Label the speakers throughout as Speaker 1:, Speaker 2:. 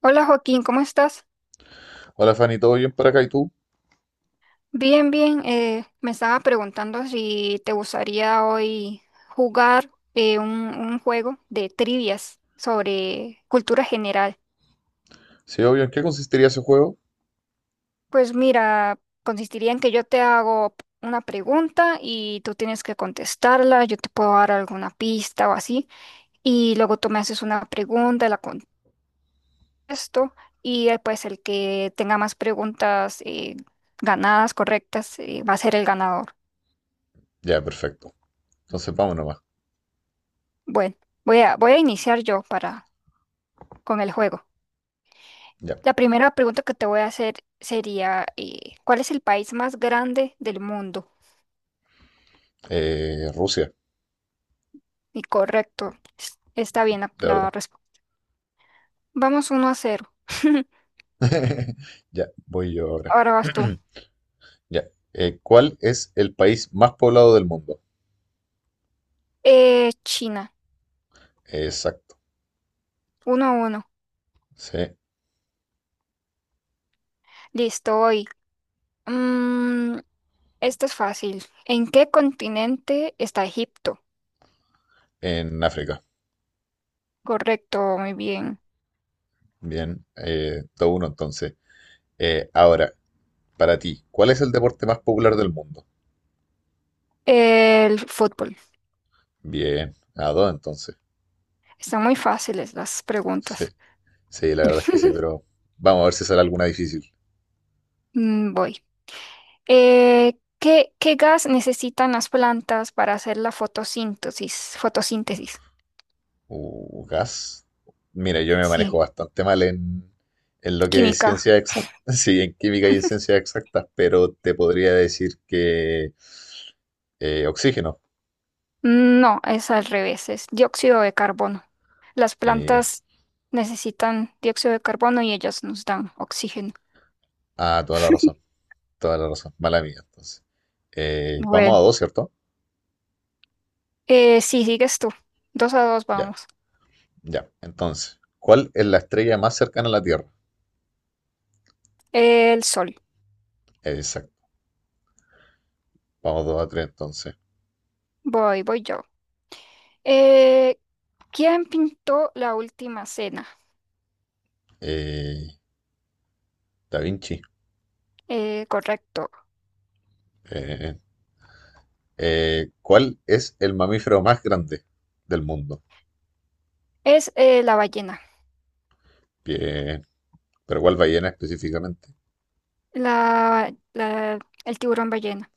Speaker 1: Hola Joaquín, ¿cómo estás?
Speaker 2: Hola Fanny, ¿todo bien para acá y tú?
Speaker 1: Bien, bien. Me estaba preguntando si te gustaría hoy jugar un juego de trivias sobre cultura general.
Speaker 2: Sí, obvio, ¿en qué consistiría ese juego?
Speaker 1: Pues mira, consistiría en que yo te hago una pregunta y tú tienes que contestarla, yo te puedo dar alguna pista o así, y luego tú me haces una pregunta, la contesto, y pues el que tenga más preguntas ganadas, correctas, va a ser el ganador.
Speaker 2: Ya, perfecto. Entonces vamos nomás.
Speaker 1: Bueno, voy a iniciar yo para, con el juego.
Speaker 2: Ya.
Speaker 1: La primera pregunta que te voy a hacer sería, ¿cuál es el país más grande del mundo?
Speaker 2: Rusia,
Speaker 1: Y correcto, está bien la,
Speaker 2: de verdad.
Speaker 1: la respuesta. Vamos uno a cero.
Speaker 2: Ya, voy yo ahora.
Speaker 1: Ahora vas tú.
Speaker 2: Ya. ¿Cuál es el país más poblado del mundo?
Speaker 1: China.
Speaker 2: Exacto.
Speaker 1: Uno a uno.
Speaker 2: Sí,
Speaker 1: Listo, hoy. Mm, esto es fácil. ¿En qué continente está Egipto?
Speaker 2: en África.
Speaker 1: Correcto, muy bien.
Speaker 2: Bien, todo uno entonces. Ahora, para ti, ¿cuál es el deporte más popular del mundo?
Speaker 1: El fútbol.
Speaker 2: Bien, a dos entonces.
Speaker 1: Están muy fáciles las
Speaker 2: Sí,
Speaker 1: preguntas.
Speaker 2: sí, la verdad es que sí, pero vamos a ver si sale alguna difícil.
Speaker 1: Mm, voy. ¿ qué gas necesitan las plantas para hacer la fotosíntesis? Fotosíntesis.
Speaker 2: Gas. Mira, yo me manejo
Speaker 1: Sí.
Speaker 2: bastante mal en lo que es
Speaker 1: Química.
Speaker 2: ciencia exacta, sí, en química y en ciencias exactas, pero te podría decir que oxígeno.
Speaker 1: No, es al revés, es dióxido de carbono. Las
Speaker 2: Mira,
Speaker 1: plantas necesitan dióxido de carbono y ellas nos dan oxígeno.
Speaker 2: ah, toda la razón, mala mía. Entonces, vamos a
Speaker 1: Bueno,
Speaker 2: dos, ¿cierto?
Speaker 1: Sí, sigues tú. Dos a dos,
Speaker 2: Ya,
Speaker 1: vamos.
Speaker 2: ya. Entonces, ¿cuál es la estrella más cercana a la Tierra?
Speaker 1: El sol.
Speaker 2: Exacto, vamos dos a tres entonces.
Speaker 1: Voy yo. Eh, ¿Quién pintó la última cena?
Speaker 2: Eh, Da Vinci.
Speaker 1: Correcto.
Speaker 2: Eh, ¿Cuál es el mamífero más grande del mundo?
Speaker 1: Es la ballena.
Speaker 2: Bien. Pero ¿cuál ballena específicamente?
Speaker 1: La, la, el tiburón ballena.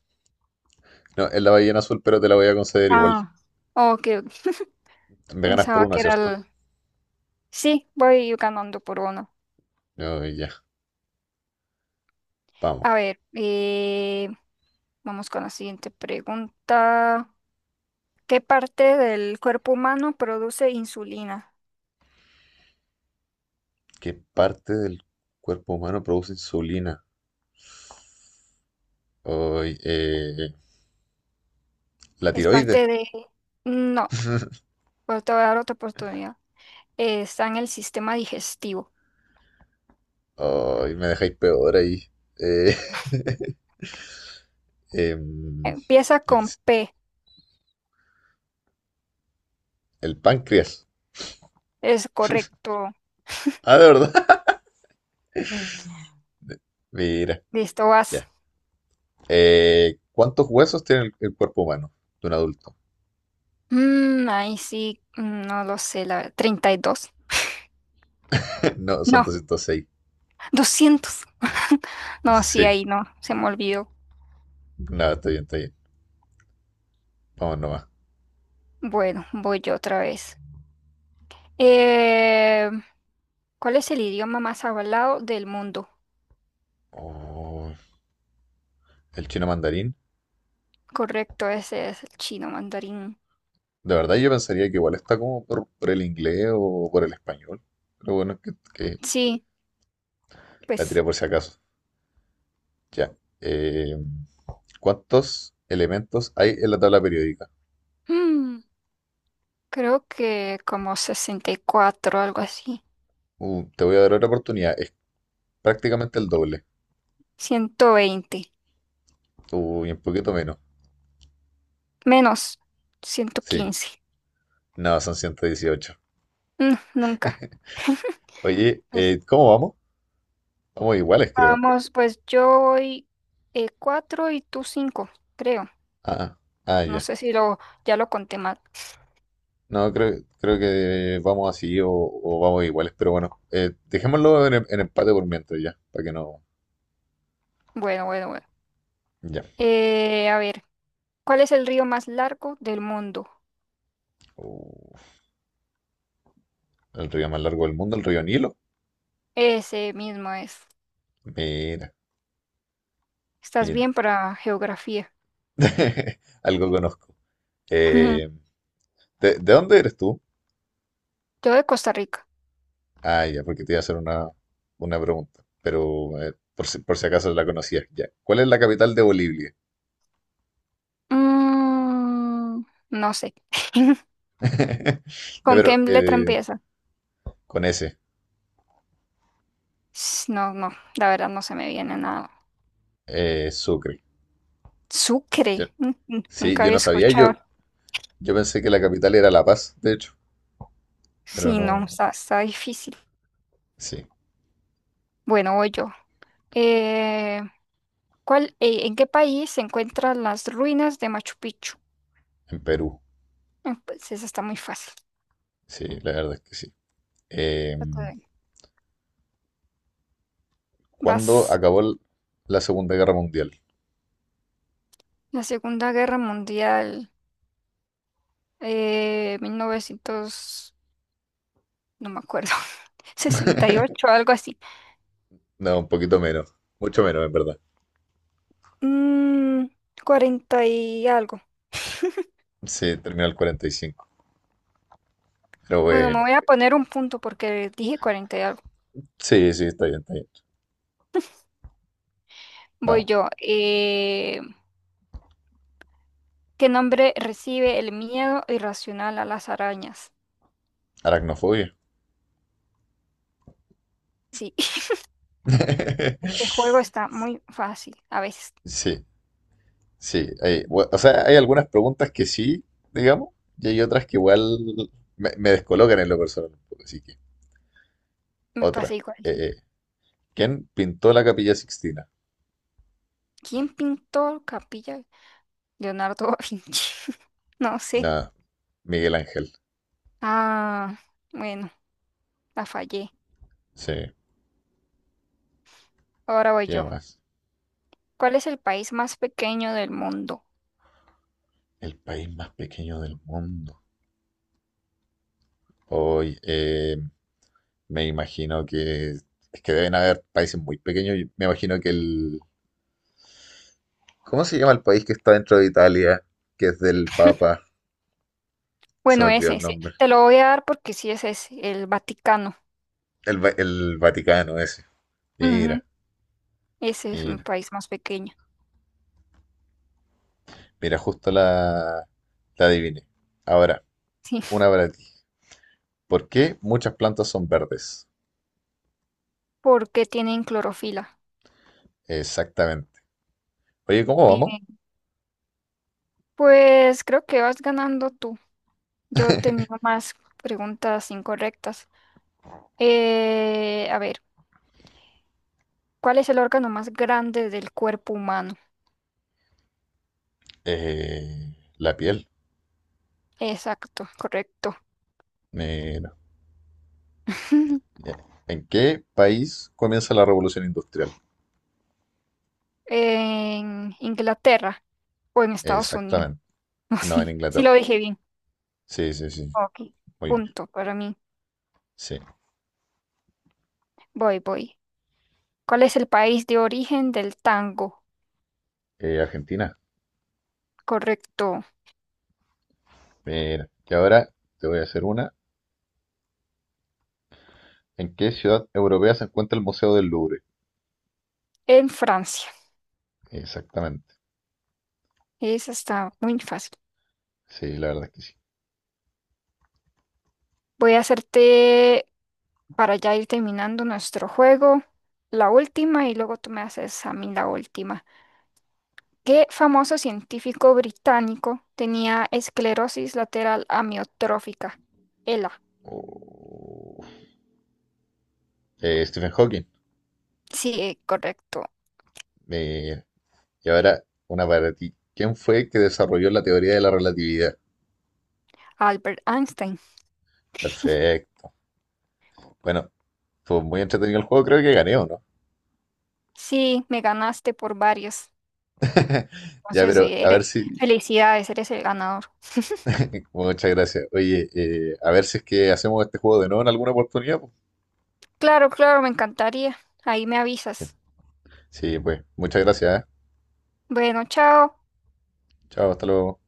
Speaker 2: No, es la ballena azul, pero te la voy a conceder igual.
Speaker 1: Ah, oh.
Speaker 2: Me ganas por
Speaker 1: Pensaba
Speaker 2: una,
Speaker 1: que era
Speaker 2: ¿cierto?
Speaker 1: el... Sí, voy ganando por uno.
Speaker 2: No, ya, vamos.
Speaker 1: A ver, vamos con la siguiente pregunta. ¿Qué parte del cuerpo humano produce insulina?
Speaker 2: ¿Qué parte del cuerpo humano produce insulina? Ay, la
Speaker 1: Es
Speaker 2: tiroides.
Speaker 1: parte de... No, pero te voy a dar otra oportunidad. Está en el sistema digestivo.
Speaker 2: Ay, me dejáis peor ahí. Eh, em,
Speaker 1: Empieza
Speaker 2: el,
Speaker 1: con P.
Speaker 2: el páncreas.
Speaker 1: Es correcto.
Speaker 2: Ah, de verdad. Mira,
Speaker 1: Listo, vas.
Speaker 2: ya. ¿Cuántos huesos tiene el cuerpo humano de un adulto?
Speaker 1: Mm, ahí sí, mm, no lo sé, la verdad. 32.
Speaker 2: No, son
Speaker 1: No,
Speaker 2: 206.
Speaker 1: 200. No, sí,
Speaker 2: Sí.
Speaker 1: ahí no, se me olvidó.
Speaker 2: No, está bien, está bien. Vamos nomás.
Speaker 1: Bueno, voy yo otra vez. Eh, ¿Cuál es el idioma más hablado del mundo?
Speaker 2: Oh, el chino mandarín.
Speaker 1: Correcto, ese es el chino mandarín.
Speaker 2: De verdad yo pensaría que igual está como por el inglés o por el español. Pero bueno, que
Speaker 1: Sí,
Speaker 2: la
Speaker 1: pues
Speaker 2: tiré por si acaso. Ya. Eh, ¿Cuántos elementos hay en la tabla periódica?
Speaker 1: mm, creo que como 64, algo así.
Speaker 2: Te voy a dar otra oportunidad. Es prácticamente el doble.
Speaker 1: 120
Speaker 2: Uy, un poquito menos.
Speaker 1: menos
Speaker 2: Sí.
Speaker 1: 115.
Speaker 2: No, son 118.
Speaker 1: Mm, nunca.
Speaker 2: Oye,
Speaker 1: Pues,
Speaker 2: ¿cómo vamos? Vamos iguales, creo.
Speaker 1: vamos, pues yo voy 4 y tú 5, creo.
Speaker 2: Ah,
Speaker 1: No
Speaker 2: ya.
Speaker 1: sé si ya lo conté mal.
Speaker 2: No, creo que vamos así o vamos iguales, pero bueno, dejémoslo en empate por mientras ya, para que no...
Speaker 1: Bueno, bueno, bueno.
Speaker 2: Ya.
Speaker 1: A ver, ¿cuál es el río más largo del mundo?
Speaker 2: Uh, el río más largo del mundo, el río Nilo.
Speaker 1: Ese mismo es.
Speaker 2: Mira,
Speaker 1: Estás
Speaker 2: mira.
Speaker 1: bien para geografía.
Speaker 2: Algo conozco. Eh, ¿de dónde eres tú?
Speaker 1: Yo de Costa Rica.
Speaker 2: Ah, ya, porque te iba a hacer una pregunta. Pero por si acaso la conocías, ya. ¿Cuál es la capital de Bolivia?
Speaker 1: Mm, no sé.
Speaker 2: Ya,
Speaker 1: ¿Con
Speaker 2: pero
Speaker 1: qué letra empieza?
Speaker 2: con ese,
Speaker 1: No, no, la verdad no se me viene nada.
Speaker 2: Sucre. Yo-
Speaker 1: Sucre. Mm, mm,
Speaker 2: sí,
Speaker 1: nunca
Speaker 2: yo
Speaker 1: había
Speaker 2: no sabía, yo,
Speaker 1: escuchado.
Speaker 2: yo pensé que la capital era La Paz, de hecho, pero
Speaker 1: Sí, no,
Speaker 2: no.
Speaker 1: está, está difícil.
Speaker 2: Sí,
Speaker 1: Bueno, voy yo. Eh, ¿En qué país se encuentran las ruinas de Machu Picchu?
Speaker 2: en Perú.
Speaker 1: Ah, pues esa está muy fácil.
Speaker 2: Sí, la verdad es que sí. Eh,
Speaker 1: Trata de-
Speaker 2: ¿Cuándo
Speaker 1: Vas,
Speaker 2: acabó la Segunda Guerra Mundial?
Speaker 1: la Segunda Guerra Mundial, 1900, no me acuerdo, sesenta y ocho, algo así.
Speaker 2: No, un poquito menos. Mucho menos, en verdad.
Speaker 1: Mm, 40 y algo.
Speaker 2: Sí, terminó el 45. Pero
Speaker 1: Bueno, me
Speaker 2: bueno.
Speaker 1: voy a poner un punto porque dije 40 y algo.
Speaker 2: Sí, sí, está bien, está bien.
Speaker 1: Voy
Speaker 2: Vamos.
Speaker 1: yo. ¿Qué nombre recibe el miedo irracional a las arañas?
Speaker 2: Aracnofobia.
Speaker 1: Sí. Este juego está muy fácil. A veces
Speaker 2: Sí, sí. O sea, hay algunas preguntas que sí, digamos, y hay otras que igual me descolocan en lo personal un poco. Así que,
Speaker 1: me pasa
Speaker 2: otra.
Speaker 1: igual,
Speaker 2: Eh,
Speaker 1: sí.
Speaker 2: eh, ¿Quién pintó la Capilla Sixtina?
Speaker 1: ¿Quién pintó Capilla? Leonardo da Vinci. No sé.
Speaker 2: Nada, Miguel Ángel.
Speaker 1: Ah, bueno, la fallé.
Speaker 2: Sí,
Speaker 1: Ahora voy
Speaker 2: ¿qué
Speaker 1: yo.
Speaker 2: más?
Speaker 1: ¿Cuál es el país más pequeño del mundo?
Speaker 2: El país más pequeño del mundo. Hoy, me imagino que es que deben haber países muy pequeños. Y me imagino que el... ¿Cómo se llama el país que está dentro de Italia? Que es del Papa. Se me
Speaker 1: Bueno,
Speaker 2: olvidó
Speaker 1: es
Speaker 2: el
Speaker 1: ese.
Speaker 2: nombre.
Speaker 1: Te lo voy a dar porque sí ese es ese, el Vaticano.
Speaker 2: El Vaticano ese.
Speaker 1: Ujú,
Speaker 2: Mira,
Speaker 1: ese es un
Speaker 2: mira.
Speaker 1: país más pequeño.
Speaker 2: Mira, justo la adiviné. Ahora,
Speaker 1: Sí.
Speaker 2: una para ti. ¿Por qué muchas plantas son verdes?
Speaker 1: ¿Por qué tienen clorofila?
Speaker 2: Exactamente. Oye, ¿cómo vamos?
Speaker 1: Bien. Pues creo que vas ganando tú. Yo tenía más preguntas incorrectas. A ver. ¿Cuál es el órgano más grande del cuerpo humano?
Speaker 2: Eh, la piel.
Speaker 1: Exacto, correcto.
Speaker 2: Mira. Ya. ¿En qué país comienza la revolución industrial?
Speaker 1: En Inglaterra o en Estados Unidos.
Speaker 2: Exactamente.
Speaker 1: No,
Speaker 2: No, en
Speaker 1: sí, sí lo
Speaker 2: Inglaterra.
Speaker 1: dije bien.
Speaker 2: Sí, sí, sí.
Speaker 1: Ok,
Speaker 2: Muy bien.
Speaker 1: punto para mí.
Speaker 2: Sí.
Speaker 1: Voy, voy. ¿Cuál es el país de origen del tango?
Speaker 2: Argentina.
Speaker 1: Correcto,
Speaker 2: Mira, y ahora te voy a hacer una. ¿En qué ciudad europea se encuentra el Museo del Louvre?
Speaker 1: en Francia.
Speaker 2: Exactamente.
Speaker 1: Esa está muy fácil.
Speaker 2: Sí, la verdad es que sí.
Speaker 1: Voy a hacerte, para ya ir terminando nuestro juego, la última y luego tú me haces a mí la última. ¿Qué famoso científico británico tenía esclerosis lateral amiotrófica? ELA.
Speaker 2: Oh. Stephen Hawking.
Speaker 1: Sí, correcto.
Speaker 2: Mira. Y ahora una para ti. ¿Quién fue el que desarrolló la teoría de la relatividad?
Speaker 1: Albert Einstein.
Speaker 2: Perfecto. Bueno, fue muy entretenido el juego. Creo que gané, ¿o no?
Speaker 1: Sí, me ganaste por varios.
Speaker 2: Ya,
Speaker 1: Entonces,
Speaker 2: pero a ver
Speaker 1: eres-
Speaker 2: si...
Speaker 1: felicidades, eres el ganador.
Speaker 2: Muchas gracias. Oye, a ver si es que hacemos este juego de nuevo en alguna oportunidad, pues.
Speaker 1: Claro, claro, me encantaría. Ahí me
Speaker 2: Sí,
Speaker 1: avisas.
Speaker 2: sí, pues. Muchas gracias, ¿eh?
Speaker 1: Bueno, chao.
Speaker 2: Chao, hasta luego.